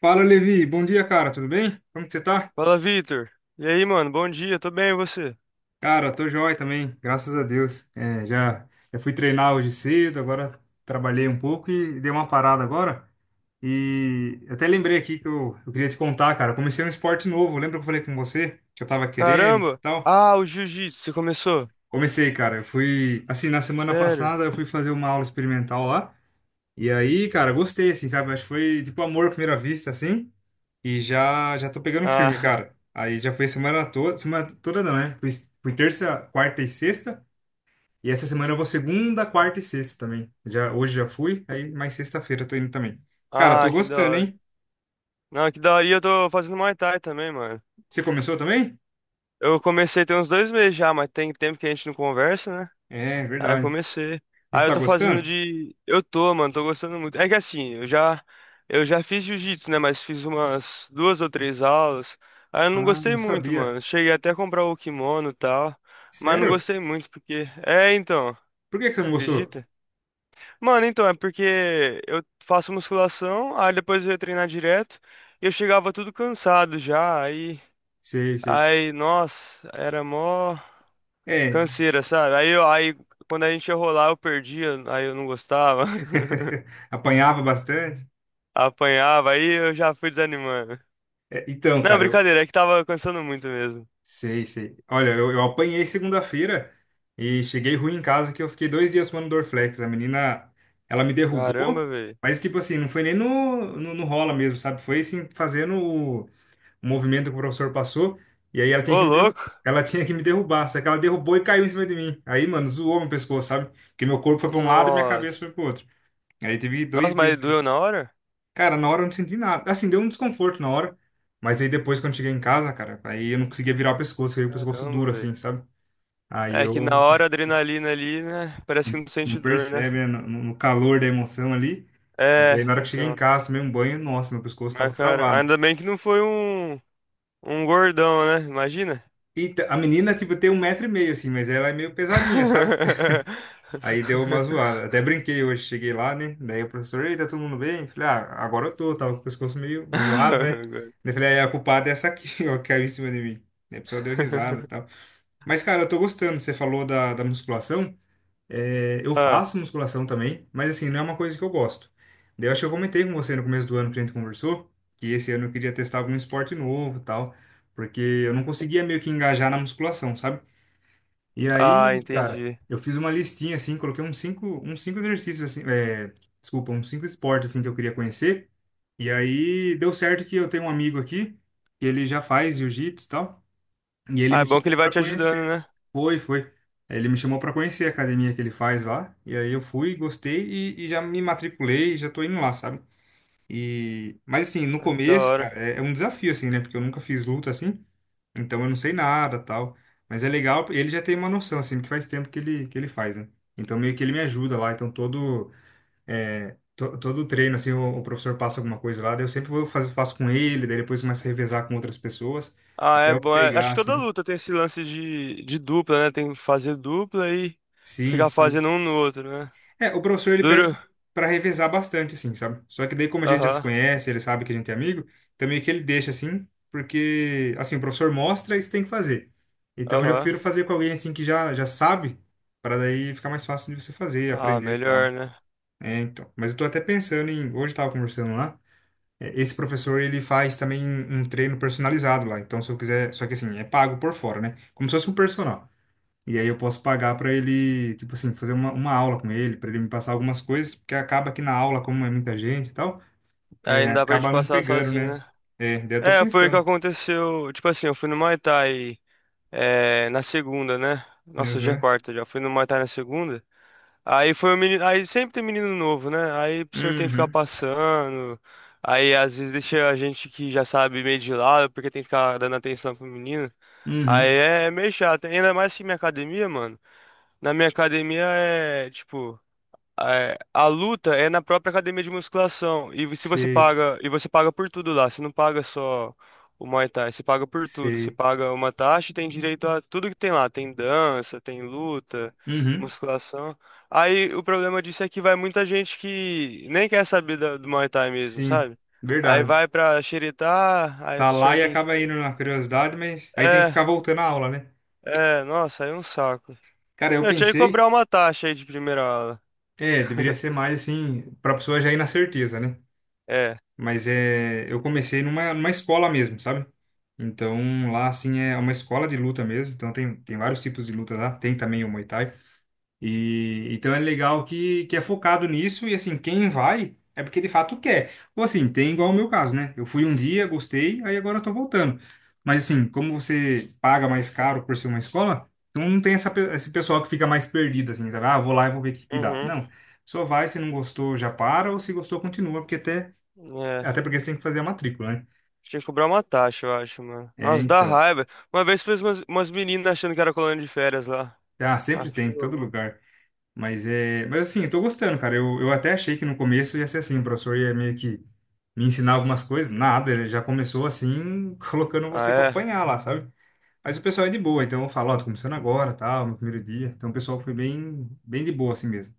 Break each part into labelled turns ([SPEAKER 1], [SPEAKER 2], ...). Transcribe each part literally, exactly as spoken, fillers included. [SPEAKER 1] Fala, Levi. Bom dia, cara. Tudo bem? Como que você tá?
[SPEAKER 2] Fala, Vitor. E aí, mano? Bom dia, tô bem, e você?
[SPEAKER 1] Cara, tô jóia também, graças a Deus. É, já, já fui treinar hoje cedo, agora trabalhei um pouco e dei uma parada agora. E eu até lembrei aqui que eu, eu queria te contar, cara. Eu comecei um esporte novo. Lembra que eu falei com você que eu tava querendo e
[SPEAKER 2] Caramba!
[SPEAKER 1] tal?
[SPEAKER 2] Ah, o jiu-jitsu, você começou?
[SPEAKER 1] Comecei, cara. Eu fui, assim, na semana
[SPEAKER 2] Sério?
[SPEAKER 1] passada eu fui fazer uma aula experimental lá. E aí, cara, gostei, assim, sabe? Acho que foi tipo amor à primeira vista, assim. E já já tô pegando firme,
[SPEAKER 2] Ah,
[SPEAKER 1] cara. Aí já foi semana toda, semana toda não, né? Fui, fui terça, quarta e sexta. E essa semana eu vou segunda, quarta e sexta também. Já, hoje já fui, aí mais sexta-feira eu tô indo também. Cara,
[SPEAKER 2] ah,
[SPEAKER 1] tô
[SPEAKER 2] que da
[SPEAKER 1] gostando,
[SPEAKER 2] hora.
[SPEAKER 1] hein?
[SPEAKER 2] Não, que da hora. E eu tô fazendo Muay Thai também, mano.
[SPEAKER 1] Você começou também?
[SPEAKER 2] Eu comecei tem uns dois meses já, mas tem tempo que a gente não conversa, né?
[SPEAKER 1] É,
[SPEAKER 2] Aí eu
[SPEAKER 1] verdade.
[SPEAKER 2] comecei.
[SPEAKER 1] Você
[SPEAKER 2] Aí eu
[SPEAKER 1] tá
[SPEAKER 2] tô fazendo
[SPEAKER 1] gostando?
[SPEAKER 2] de. Eu tô, mano, tô gostando muito. É que assim, eu já. Eu já fiz jiu-jitsu, né? Mas fiz umas duas ou três aulas. Aí eu não
[SPEAKER 1] Ah, não
[SPEAKER 2] gostei muito,
[SPEAKER 1] sabia.
[SPEAKER 2] mano. Cheguei até a comprar o kimono e tal. Mas não
[SPEAKER 1] Sério?
[SPEAKER 2] gostei muito, porque. É, então.
[SPEAKER 1] Por que que você
[SPEAKER 2] Você
[SPEAKER 1] não gostou?
[SPEAKER 2] acredita? Mano, então, é porque eu faço musculação, aí depois eu ia treinar direto, e eu chegava tudo cansado já, aí,
[SPEAKER 1] Sei, sei.
[SPEAKER 2] aí, nossa, era mó
[SPEAKER 1] É,
[SPEAKER 2] canseira, sabe? Aí, eu, aí quando a gente ia rolar, eu perdia, aí eu não gostava,
[SPEAKER 1] apanhava bastante.
[SPEAKER 2] apanhava, aí eu já fui desanimando.
[SPEAKER 1] É, então,
[SPEAKER 2] Não,
[SPEAKER 1] cara, eu,
[SPEAKER 2] brincadeira, é que tava cansando muito mesmo.
[SPEAKER 1] sei, sei. Olha, eu, eu apanhei segunda-feira e cheguei ruim em casa que eu fiquei dois dias tomando Dorflex. A menina, ela me derrubou,
[SPEAKER 2] Caramba, velho.
[SPEAKER 1] mas tipo assim, não foi nem no, no, no rola mesmo, sabe? Foi assim, fazendo o, o movimento que o professor passou. E aí ela tinha
[SPEAKER 2] Ô,
[SPEAKER 1] que me derrubar.
[SPEAKER 2] louco!
[SPEAKER 1] Ela tinha que me derrubar, só que ela derrubou e caiu em cima de mim. Aí, mano, zoou meu pescoço, sabe? Porque meu corpo foi pra um lado e minha cabeça
[SPEAKER 2] Nossa.
[SPEAKER 1] foi pro outro. Aí teve
[SPEAKER 2] Nossa,
[SPEAKER 1] dois
[SPEAKER 2] mas
[SPEAKER 1] dias.
[SPEAKER 2] doeu na hora?
[SPEAKER 1] Cara, na hora eu não senti nada. Assim, deu um desconforto na hora. Mas aí depois, quando cheguei em casa, cara, aí eu não conseguia virar o pescoço, aí o pescoço
[SPEAKER 2] Caramba,
[SPEAKER 1] duro,
[SPEAKER 2] velho.
[SPEAKER 1] assim, sabe? Aí
[SPEAKER 2] É que na
[SPEAKER 1] eu
[SPEAKER 2] hora a adrenalina ali, né? Parece que não
[SPEAKER 1] não
[SPEAKER 2] sente dor, né?
[SPEAKER 1] percebe, né, no, no calor da emoção ali. Mas
[SPEAKER 2] É,
[SPEAKER 1] aí na hora que cheguei em
[SPEAKER 2] então.
[SPEAKER 1] casa, tomei um banho, nossa, meu pescoço tava
[SPEAKER 2] Mas, cara,
[SPEAKER 1] travado.
[SPEAKER 2] ainda bem que não foi um, um gordão, né? Imagina.
[SPEAKER 1] E t- a menina, tipo, tem um metro e meio, assim, mas ela é meio pesadinha, sabe? Aí deu uma zoada. Até brinquei hoje, cheguei lá, né? Daí o professor, ei, tá todo mundo bem? Falei, ah, agora eu tô, tava com o pescoço meio zoado, né? Daí eu falei, ah, é, a culpada é essa aqui, ó, que caiu em cima de mim. Daí a pessoa deu risada e tal. Mas, cara, eu tô gostando. Você falou da, da musculação. É, eu
[SPEAKER 2] Ah,
[SPEAKER 1] faço musculação também, mas assim, não é uma coisa que eu gosto. Daí eu acho que eu comentei com você no começo do ano que a gente conversou, que esse ano eu queria testar algum esporte novo e tal, porque eu não conseguia meio que engajar na musculação, sabe? E
[SPEAKER 2] ah,
[SPEAKER 1] aí, cara,
[SPEAKER 2] entendi.
[SPEAKER 1] eu fiz uma listinha assim, coloquei uns cinco, uns cinco exercícios assim, é, desculpa, uns cinco esportes assim que eu queria conhecer. E aí deu certo que eu tenho um amigo aqui que ele já faz jiu-jitsu e tal, e ele
[SPEAKER 2] Ah, é
[SPEAKER 1] me
[SPEAKER 2] bom que
[SPEAKER 1] chamou
[SPEAKER 2] ele vai
[SPEAKER 1] pra
[SPEAKER 2] te ajudando,
[SPEAKER 1] conhecer.
[SPEAKER 2] né?
[SPEAKER 1] Foi, foi. Ele me chamou pra conhecer a academia que ele faz lá, e aí eu fui, gostei e, e já me matriculei, já tô indo lá, sabe? E, mas assim, no
[SPEAKER 2] Ah, que da
[SPEAKER 1] começo,
[SPEAKER 2] hora.
[SPEAKER 1] cara, é, é um desafio, assim, né? Porque eu nunca fiz luta assim, então eu não sei nada, tal. Mas é legal, ele já tem uma noção, assim, porque faz tempo que ele, que ele faz, né? Então meio que ele me ajuda lá, então todo, é, to- todo o treino, assim, o, o professor passa alguma coisa lá, daí eu sempre vou faz, faço com ele, daí depois começo a revezar com outras pessoas,
[SPEAKER 2] Ah,
[SPEAKER 1] até
[SPEAKER 2] é
[SPEAKER 1] eu
[SPEAKER 2] bom. É- acho
[SPEAKER 1] pegar,
[SPEAKER 2] que toda
[SPEAKER 1] assim.
[SPEAKER 2] luta tem esse lance de, de dupla, né? Tem que fazer dupla e
[SPEAKER 1] Sim,
[SPEAKER 2] ficar
[SPEAKER 1] sim.
[SPEAKER 2] fazendo um no outro, né?
[SPEAKER 1] É, o professor ele
[SPEAKER 2] Duro.
[SPEAKER 1] pede para revezar bastante, assim, sabe? Só que daí, como a gente já se
[SPEAKER 2] Aham,
[SPEAKER 1] conhece, ele sabe que a gente é amigo, então meio que ele deixa assim, porque, assim, o professor mostra e você tem que fazer. Então eu já
[SPEAKER 2] aham.
[SPEAKER 1] prefiro fazer com alguém, assim, que já, já sabe, para daí ficar mais fácil de você fazer,
[SPEAKER 2] Ah,
[SPEAKER 1] aprender e
[SPEAKER 2] melhor,
[SPEAKER 1] tal.
[SPEAKER 2] né?
[SPEAKER 1] É, então. Mas eu tô até pensando em. Hoje eu tava conversando lá, é, esse professor ele faz também um um treino personalizado lá. Então, se eu quiser. Só que assim, é pago por fora, né? Como se fosse um personal. E aí eu posso pagar para ele, tipo assim, fazer uma, uma aula com ele, para ele me passar algumas coisas, porque acaba que na aula, como é muita gente e tal,
[SPEAKER 2] Aí
[SPEAKER 1] é,
[SPEAKER 2] não dá pra gente
[SPEAKER 1] acaba não
[SPEAKER 2] passar
[SPEAKER 1] pegando,
[SPEAKER 2] sozinho,
[SPEAKER 1] né?
[SPEAKER 2] né?
[SPEAKER 1] É, daí eu tô
[SPEAKER 2] É, foi o que
[SPEAKER 1] pensando.
[SPEAKER 2] aconteceu. Tipo assim, eu fui no Muay Thai, é, na segunda, né? Nossa, hoje é
[SPEAKER 1] Uhum.
[SPEAKER 2] quarta já. Fui no Muay Thai na segunda. Aí foi o menino. Aí sempre tem menino novo, né? Aí o senhor tem que ficar
[SPEAKER 1] Uhum.
[SPEAKER 2] passando. Aí às vezes deixa a gente que já sabe meio de lado, porque tem que ficar dando atenção pro menino. Aí
[SPEAKER 1] Uhum.
[SPEAKER 2] é meio chato. Ainda mais que minha academia, mano. Na minha academia é, tipo, é, a luta é na própria academia de musculação. E se você
[SPEAKER 1] Sei,
[SPEAKER 2] paga, e você paga por tudo lá, você não paga só o Muay Thai, você paga por tudo. Você
[SPEAKER 1] sei.
[SPEAKER 2] paga uma taxa e tem direito a tudo que tem lá. Tem dança, tem luta,
[SPEAKER 1] Uhum.
[SPEAKER 2] musculação. Aí o problema disso é que vai muita gente que nem quer saber da- do Muay Thai mesmo,
[SPEAKER 1] Sim,
[SPEAKER 2] sabe? Aí
[SPEAKER 1] verdade.
[SPEAKER 2] vai pra xeretar, aí o
[SPEAKER 1] Tá lá
[SPEAKER 2] senhor
[SPEAKER 1] e
[SPEAKER 2] tem.
[SPEAKER 1] acaba indo na curiosidade, mas aí tem que
[SPEAKER 2] É,
[SPEAKER 1] ficar voltando à aula, né?
[SPEAKER 2] é, nossa, aí é um saco.
[SPEAKER 1] Cara, eu
[SPEAKER 2] Eu tinha que
[SPEAKER 1] pensei,
[SPEAKER 2] cobrar uma taxa aí de primeira aula.
[SPEAKER 1] é, deveria ser mais assim, pra pessoa já ir na certeza, né?
[SPEAKER 2] É.
[SPEAKER 1] Mas é, eu comecei numa, numa escola mesmo, sabe? Então lá, assim, é uma escola de luta mesmo. Então tem, tem vários tipos de luta lá. Tem também o Muay Thai. E então é legal que, que é focado nisso. E assim, quem vai é porque de fato quer. Ou assim, tem igual o meu caso, né? Eu fui um dia, gostei, aí agora eu tô voltando. Mas assim, como você paga mais caro por ser uma escola, então não tem essa, pe- esse pessoal que fica mais perdido, assim, sabe? Ah, vou lá e vou ver o que que dá.
[SPEAKER 2] Uhum.
[SPEAKER 1] Não. Só vai, se não gostou, já para, ou se gostou, continua, porque até
[SPEAKER 2] É.
[SPEAKER 1] até porque você tem que fazer a matrícula, né?
[SPEAKER 2] Tinha que cobrar uma taxa, eu acho, mano.
[SPEAKER 1] É,
[SPEAKER 2] Nossa, dá
[SPEAKER 1] então.
[SPEAKER 2] raiva. Uma vez fez umas, umas meninas achando que era colônia de férias lá.
[SPEAKER 1] Ah,
[SPEAKER 2] Ah,
[SPEAKER 1] sempre tem, em
[SPEAKER 2] pelo
[SPEAKER 1] todo
[SPEAKER 2] amor.
[SPEAKER 1] lugar. Mas é. Mas assim, eu tô gostando, cara. Eu, eu até achei que no começo ia ser assim, o professor ia meio que me ensinar algumas coisas. Nada, ele já começou assim, colocando
[SPEAKER 2] Ah,
[SPEAKER 1] você pra
[SPEAKER 2] é?
[SPEAKER 1] apanhar lá, sabe? Mas o pessoal é de boa, então eu falo, ó, tô começando agora, tal, meu primeiro dia. Então o pessoal foi bem, bem de boa assim mesmo.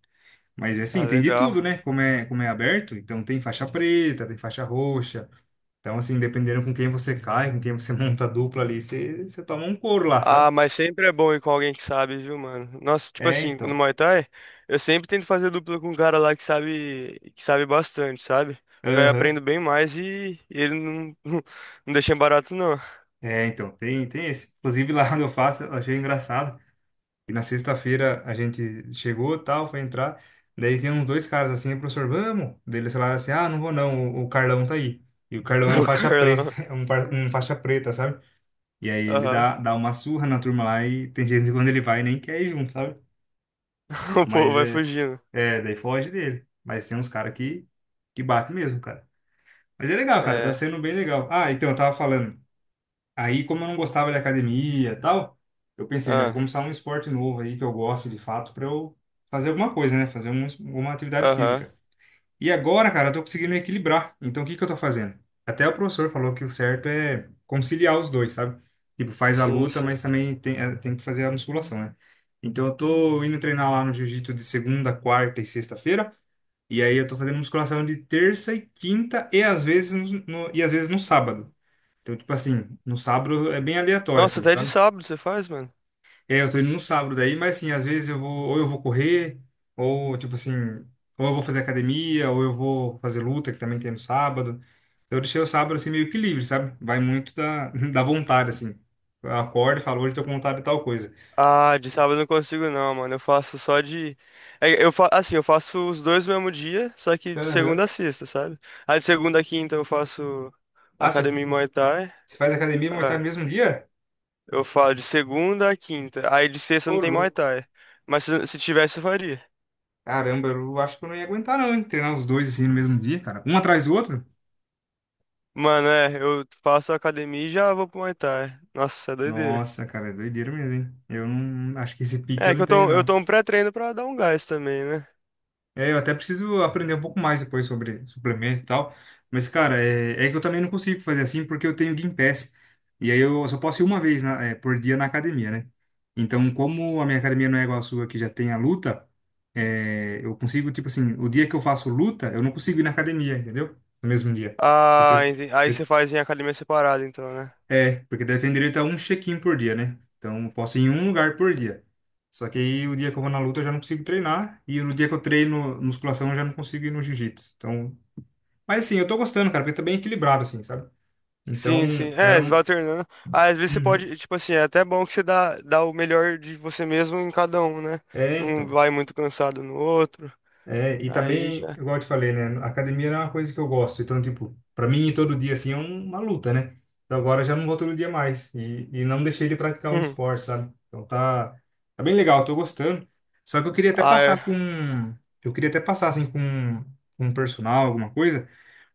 [SPEAKER 1] Mas é
[SPEAKER 2] Ah,
[SPEAKER 1] assim, tem de
[SPEAKER 2] legal.
[SPEAKER 1] tudo, né? Como é, como é aberto, então tem faixa preta, tem faixa roxa. Então, assim, dependendo com quem você cai, com quem você monta a dupla ali, você, você toma um couro lá, sabe?
[SPEAKER 2] Ah, mas sempre é bom ir com alguém que sabe, viu, mano? Nossa, tipo
[SPEAKER 1] É,
[SPEAKER 2] assim, no
[SPEAKER 1] então.
[SPEAKER 2] Muay Thai, eu sempre tento fazer dupla com um cara lá que sabe, que sabe bastante, sabe? Porque aí eu
[SPEAKER 1] Aham.
[SPEAKER 2] aprendo bem mais e, e ele não, não deixa em barato, não.
[SPEAKER 1] É, então, tem, tem esse. Inclusive, lá onde eu faço, eu achei engraçado. E na sexta-feira a gente chegou, tal, foi entrar. Daí tem uns dois caras assim, professor, vamos? Daí eles falaram assim, ah, não vou não, o, o Carlão tá aí. E o Carlão é um
[SPEAKER 2] O
[SPEAKER 1] faixa
[SPEAKER 2] Carlão.
[SPEAKER 1] preta, é um, par- um faixa preta, sabe? E aí ele
[SPEAKER 2] Aham.
[SPEAKER 1] dá, dá uma surra na turma lá e tem gente que quando ele vai nem quer ir junto, sabe?
[SPEAKER 2] O povo
[SPEAKER 1] Mas
[SPEAKER 2] vai
[SPEAKER 1] é,
[SPEAKER 2] fugindo.
[SPEAKER 1] é, daí foge dele. Mas tem uns caras que, que bate mesmo, cara. Mas é legal, cara, tá
[SPEAKER 2] É.
[SPEAKER 1] sendo bem legal. Ah, então, eu tava falando. Aí, como eu não gostava de academia e tal, eu pensei, né, vou
[SPEAKER 2] Ah,
[SPEAKER 1] começar um esporte novo aí que eu gosto de fato pra eu fazer alguma coisa, né, fazer um, uma atividade
[SPEAKER 2] aham.
[SPEAKER 1] física. E agora, cara, eu tô conseguindo equilibrar. Então, o que que eu tô fazendo? Até o professor falou que o certo é conciliar os dois, sabe? Tipo, faz a
[SPEAKER 2] Sim,
[SPEAKER 1] luta,
[SPEAKER 2] sim.
[SPEAKER 1] mas também tem, eh, tem que fazer a musculação, né? Então, eu tô indo treinar lá no jiu-jitsu de segunda, quarta e sexta-feira. E aí, eu tô fazendo musculação de terça e quinta e às vezes no, no- e às vezes no sábado. Então, tipo assim, no sábado é bem aleatório,
[SPEAKER 2] Nossa,
[SPEAKER 1] assim,
[SPEAKER 2] até de
[SPEAKER 1] sabe?
[SPEAKER 2] sábado você faz, mano?
[SPEAKER 1] E aí eu tô indo no sábado daí, mas assim, às vezes eu vou, ou eu vou correr, ou tipo assim, ou eu vou fazer academia, ou eu vou fazer luta, que também tem no sábado. Então eu deixei o sábado assim meio que livre, sabe? Vai muito da, da vontade, assim. Eu acordo e falo, hoje eu tô com vontade de tal coisa.
[SPEAKER 2] Ah, de sábado eu não consigo não, mano. Eu faço só de. é, Eu fa... Assim, eu faço os dois no mesmo dia, só que de
[SPEAKER 1] Aham.
[SPEAKER 2] segunda a sexta, sabe? Ah, de segunda a quinta eu faço
[SPEAKER 1] Ah, você
[SPEAKER 2] academia e Muay Thai.
[SPEAKER 1] você faz academia e montar
[SPEAKER 2] Ah,
[SPEAKER 1] no mesmo dia?
[SPEAKER 2] eu falo de segunda a quinta. Aí de sexta
[SPEAKER 1] Ô,
[SPEAKER 2] não tem Muay
[SPEAKER 1] louco.
[SPEAKER 2] Thai. Mas se, se tivesse, eu faria.
[SPEAKER 1] Caramba, eu acho que eu não ia aguentar não, hein? Treinar os dois assim no mesmo dia, cara. Um atrás do outro?
[SPEAKER 2] Mano, é, eu faço academia e já vou pro Muay Thai. Nossa, é doideira.
[SPEAKER 1] Nossa, cara, é doideira mesmo, hein? Eu não acho que esse pique eu
[SPEAKER 2] É que
[SPEAKER 1] não
[SPEAKER 2] eu
[SPEAKER 1] tenho,
[SPEAKER 2] tô, eu
[SPEAKER 1] não.
[SPEAKER 2] tomo pré-treino pra dar um gás também, né?
[SPEAKER 1] É, eu até preciso aprender um pouco mais depois sobre suplemento e tal. Mas, cara, é, é que eu também não consigo fazer assim porque eu tenho Gympass. E aí eu só posso ir uma vez na- é, por dia na academia, né? Então, como a minha academia não é igual a sua, que já tem a luta, é, eu consigo, tipo assim, o dia que eu faço luta, eu não consigo ir na academia, entendeu? No mesmo dia. Porque
[SPEAKER 2] Ah,
[SPEAKER 1] eu,
[SPEAKER 2] entendi. Aí
[SPEAKER 1] eu
[SPEAKER 2] você faz em academia separada, então, né?
[SPEAKER 1] É, porque daí eu tenho direito a um check-in por dia, né? Então, eu posso ir em um lugar por dia. Só que aí, o dia que eu vou na luta, eu já não consigo treinar. E no dia que eu treino musculação, eu já não consigo ir no jiu-jitsu. Então, mas assim, eu tô gostando, cara, porque tá bem equilibrado, assim, sabe?
[SPEAKER 2] Sim,
[SPEAKER 1] Então,
[SPEAKER 2] sim.
[SPEAKER 1] era
[SPEAKER 2] É, você
[SPEAKER 1] um...
[SPEAKER 2] vai alternando. Ah, às vezes você
[SPEAKER 1] Uhum.
[SPEAKER 2] pode, tipo assim, é até bom que você dá, dá o melhor de você mesmo em cada um, né?
[SPEAKER 1] É,
[SPEAKER 2] Não
[SPEAKER 1] então.
[SPEAKER 2] vai muito cansado no outro.
[SPEAKER 1] É, e
[SPEAKER 2] Aí
[SPEAKER 1] também,
[SPEAKER 2] já.
[SPEAKER 1] igual eu te falei, né? a academia é uma coisa que eu gosto. Então, tipo, para mim, ir todo dia, assim, é um, uma luta, né? Então, agora eu já não vou todo dia mais. E, e não deixei de praticar um
[SPEAKER 2] Hum.
[SPEAKER 1] esporte, sabe? Então, tá, tá, bem legal, tô gostando. Só que eu queria até
[SPEAKER 2] Ah,
[SPEAKER 1] passar
[SPEAKER 2] é.
[SPEAKER 1] com... Eu queria até passar, assim, com, com um personal, alguma coisa.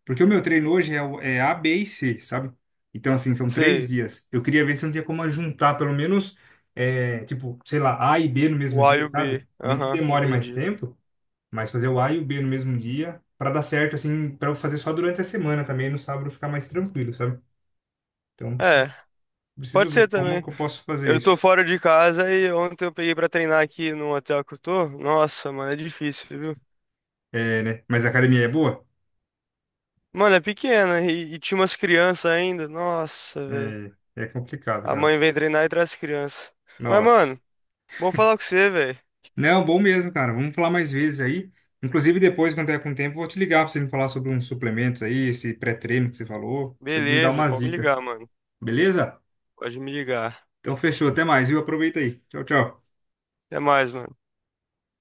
[SPEAKER 1] Porque o meu treino hoje é, o- é A, B e C, sabe? Então, assim, são três
[SPEAKER 2] Sei.
[SPEAKER 1] dias. Eu queria ver se não tinha como juntar, pelo menos, é, tipo, sei lá, A e B no mesmo
[SPEAKER 2] O A e
[SPEAKER 1] dia,
[SPEAKER 2] o
[SPEAKER 1] sabe?
[SPEAKER 2] B.
[SPEAKER 1] Nem que
[SPEAKER 2] Aham,
[SPEAKER 1] demore mais
[SPEAKER 2] entendi.
[SPEAKER 1] tempo. Mas fazer o A e o B no mesmo dia, para dar certo, assim, para eu fazer só durante a semana também, no sábado ficar mais tranquilo, sabe? Então preciso,
[SPEAKER 2] É,
[SPEAKER 1] preciso
[SPEAKER 2] pode ser
[SPEAKER 1] ver como
[SPEAKER 2] também.
[SPEAKER 1] que eu posso fazer
[SPEAKER 2] Eu tô
[SPEAKER 1] isso.
[SPEAKER 2] fora de casa e ontem eu peguei pra treinar aqui no hotel que eu tô. Nossa, mano, é difícil, viu?
[SPEAKER 1] É, né? Mas a academia é boa?
[SPEAKER 2] Mano, é pequena e, e tinha umas crianças ainda. Nossa, velho.
[SPEAKER 1] É, é complicado,
[SPEAKER 2] A
[SPEAKER 1] cara.
[SPEAKER 2] mãe vem treinar e traz crianças. Mas,
[SPEAKER 1] Nossa.
[SPEAKER 2] mano, bom falar com você, velho.
[SPEAKER 1] Não, bom mesmo, cara. Vamos falar mais vezes aí. Inclusive, depois, quando tiver com tempo, eu vou te ligar para você me falar sobre uns suplementos aí, esse pré-treino que você falou, pra você me dar
[SPEAKER 2] Beleza,
[SPEAKER 1] umas
[SPEAKER 2] pode me ligar,
[SPEAKER 1] dicas,
[SPEAKER 2] mano.
[SPEAKER 1] beleza?
[SPEAKER 2] Pode me ligar.
[SPEAKER 1] Então, fechou. Até mais, viu? Aproveita aí. Tchau, tchau.
[SPEAKER 2] Até mais, mano.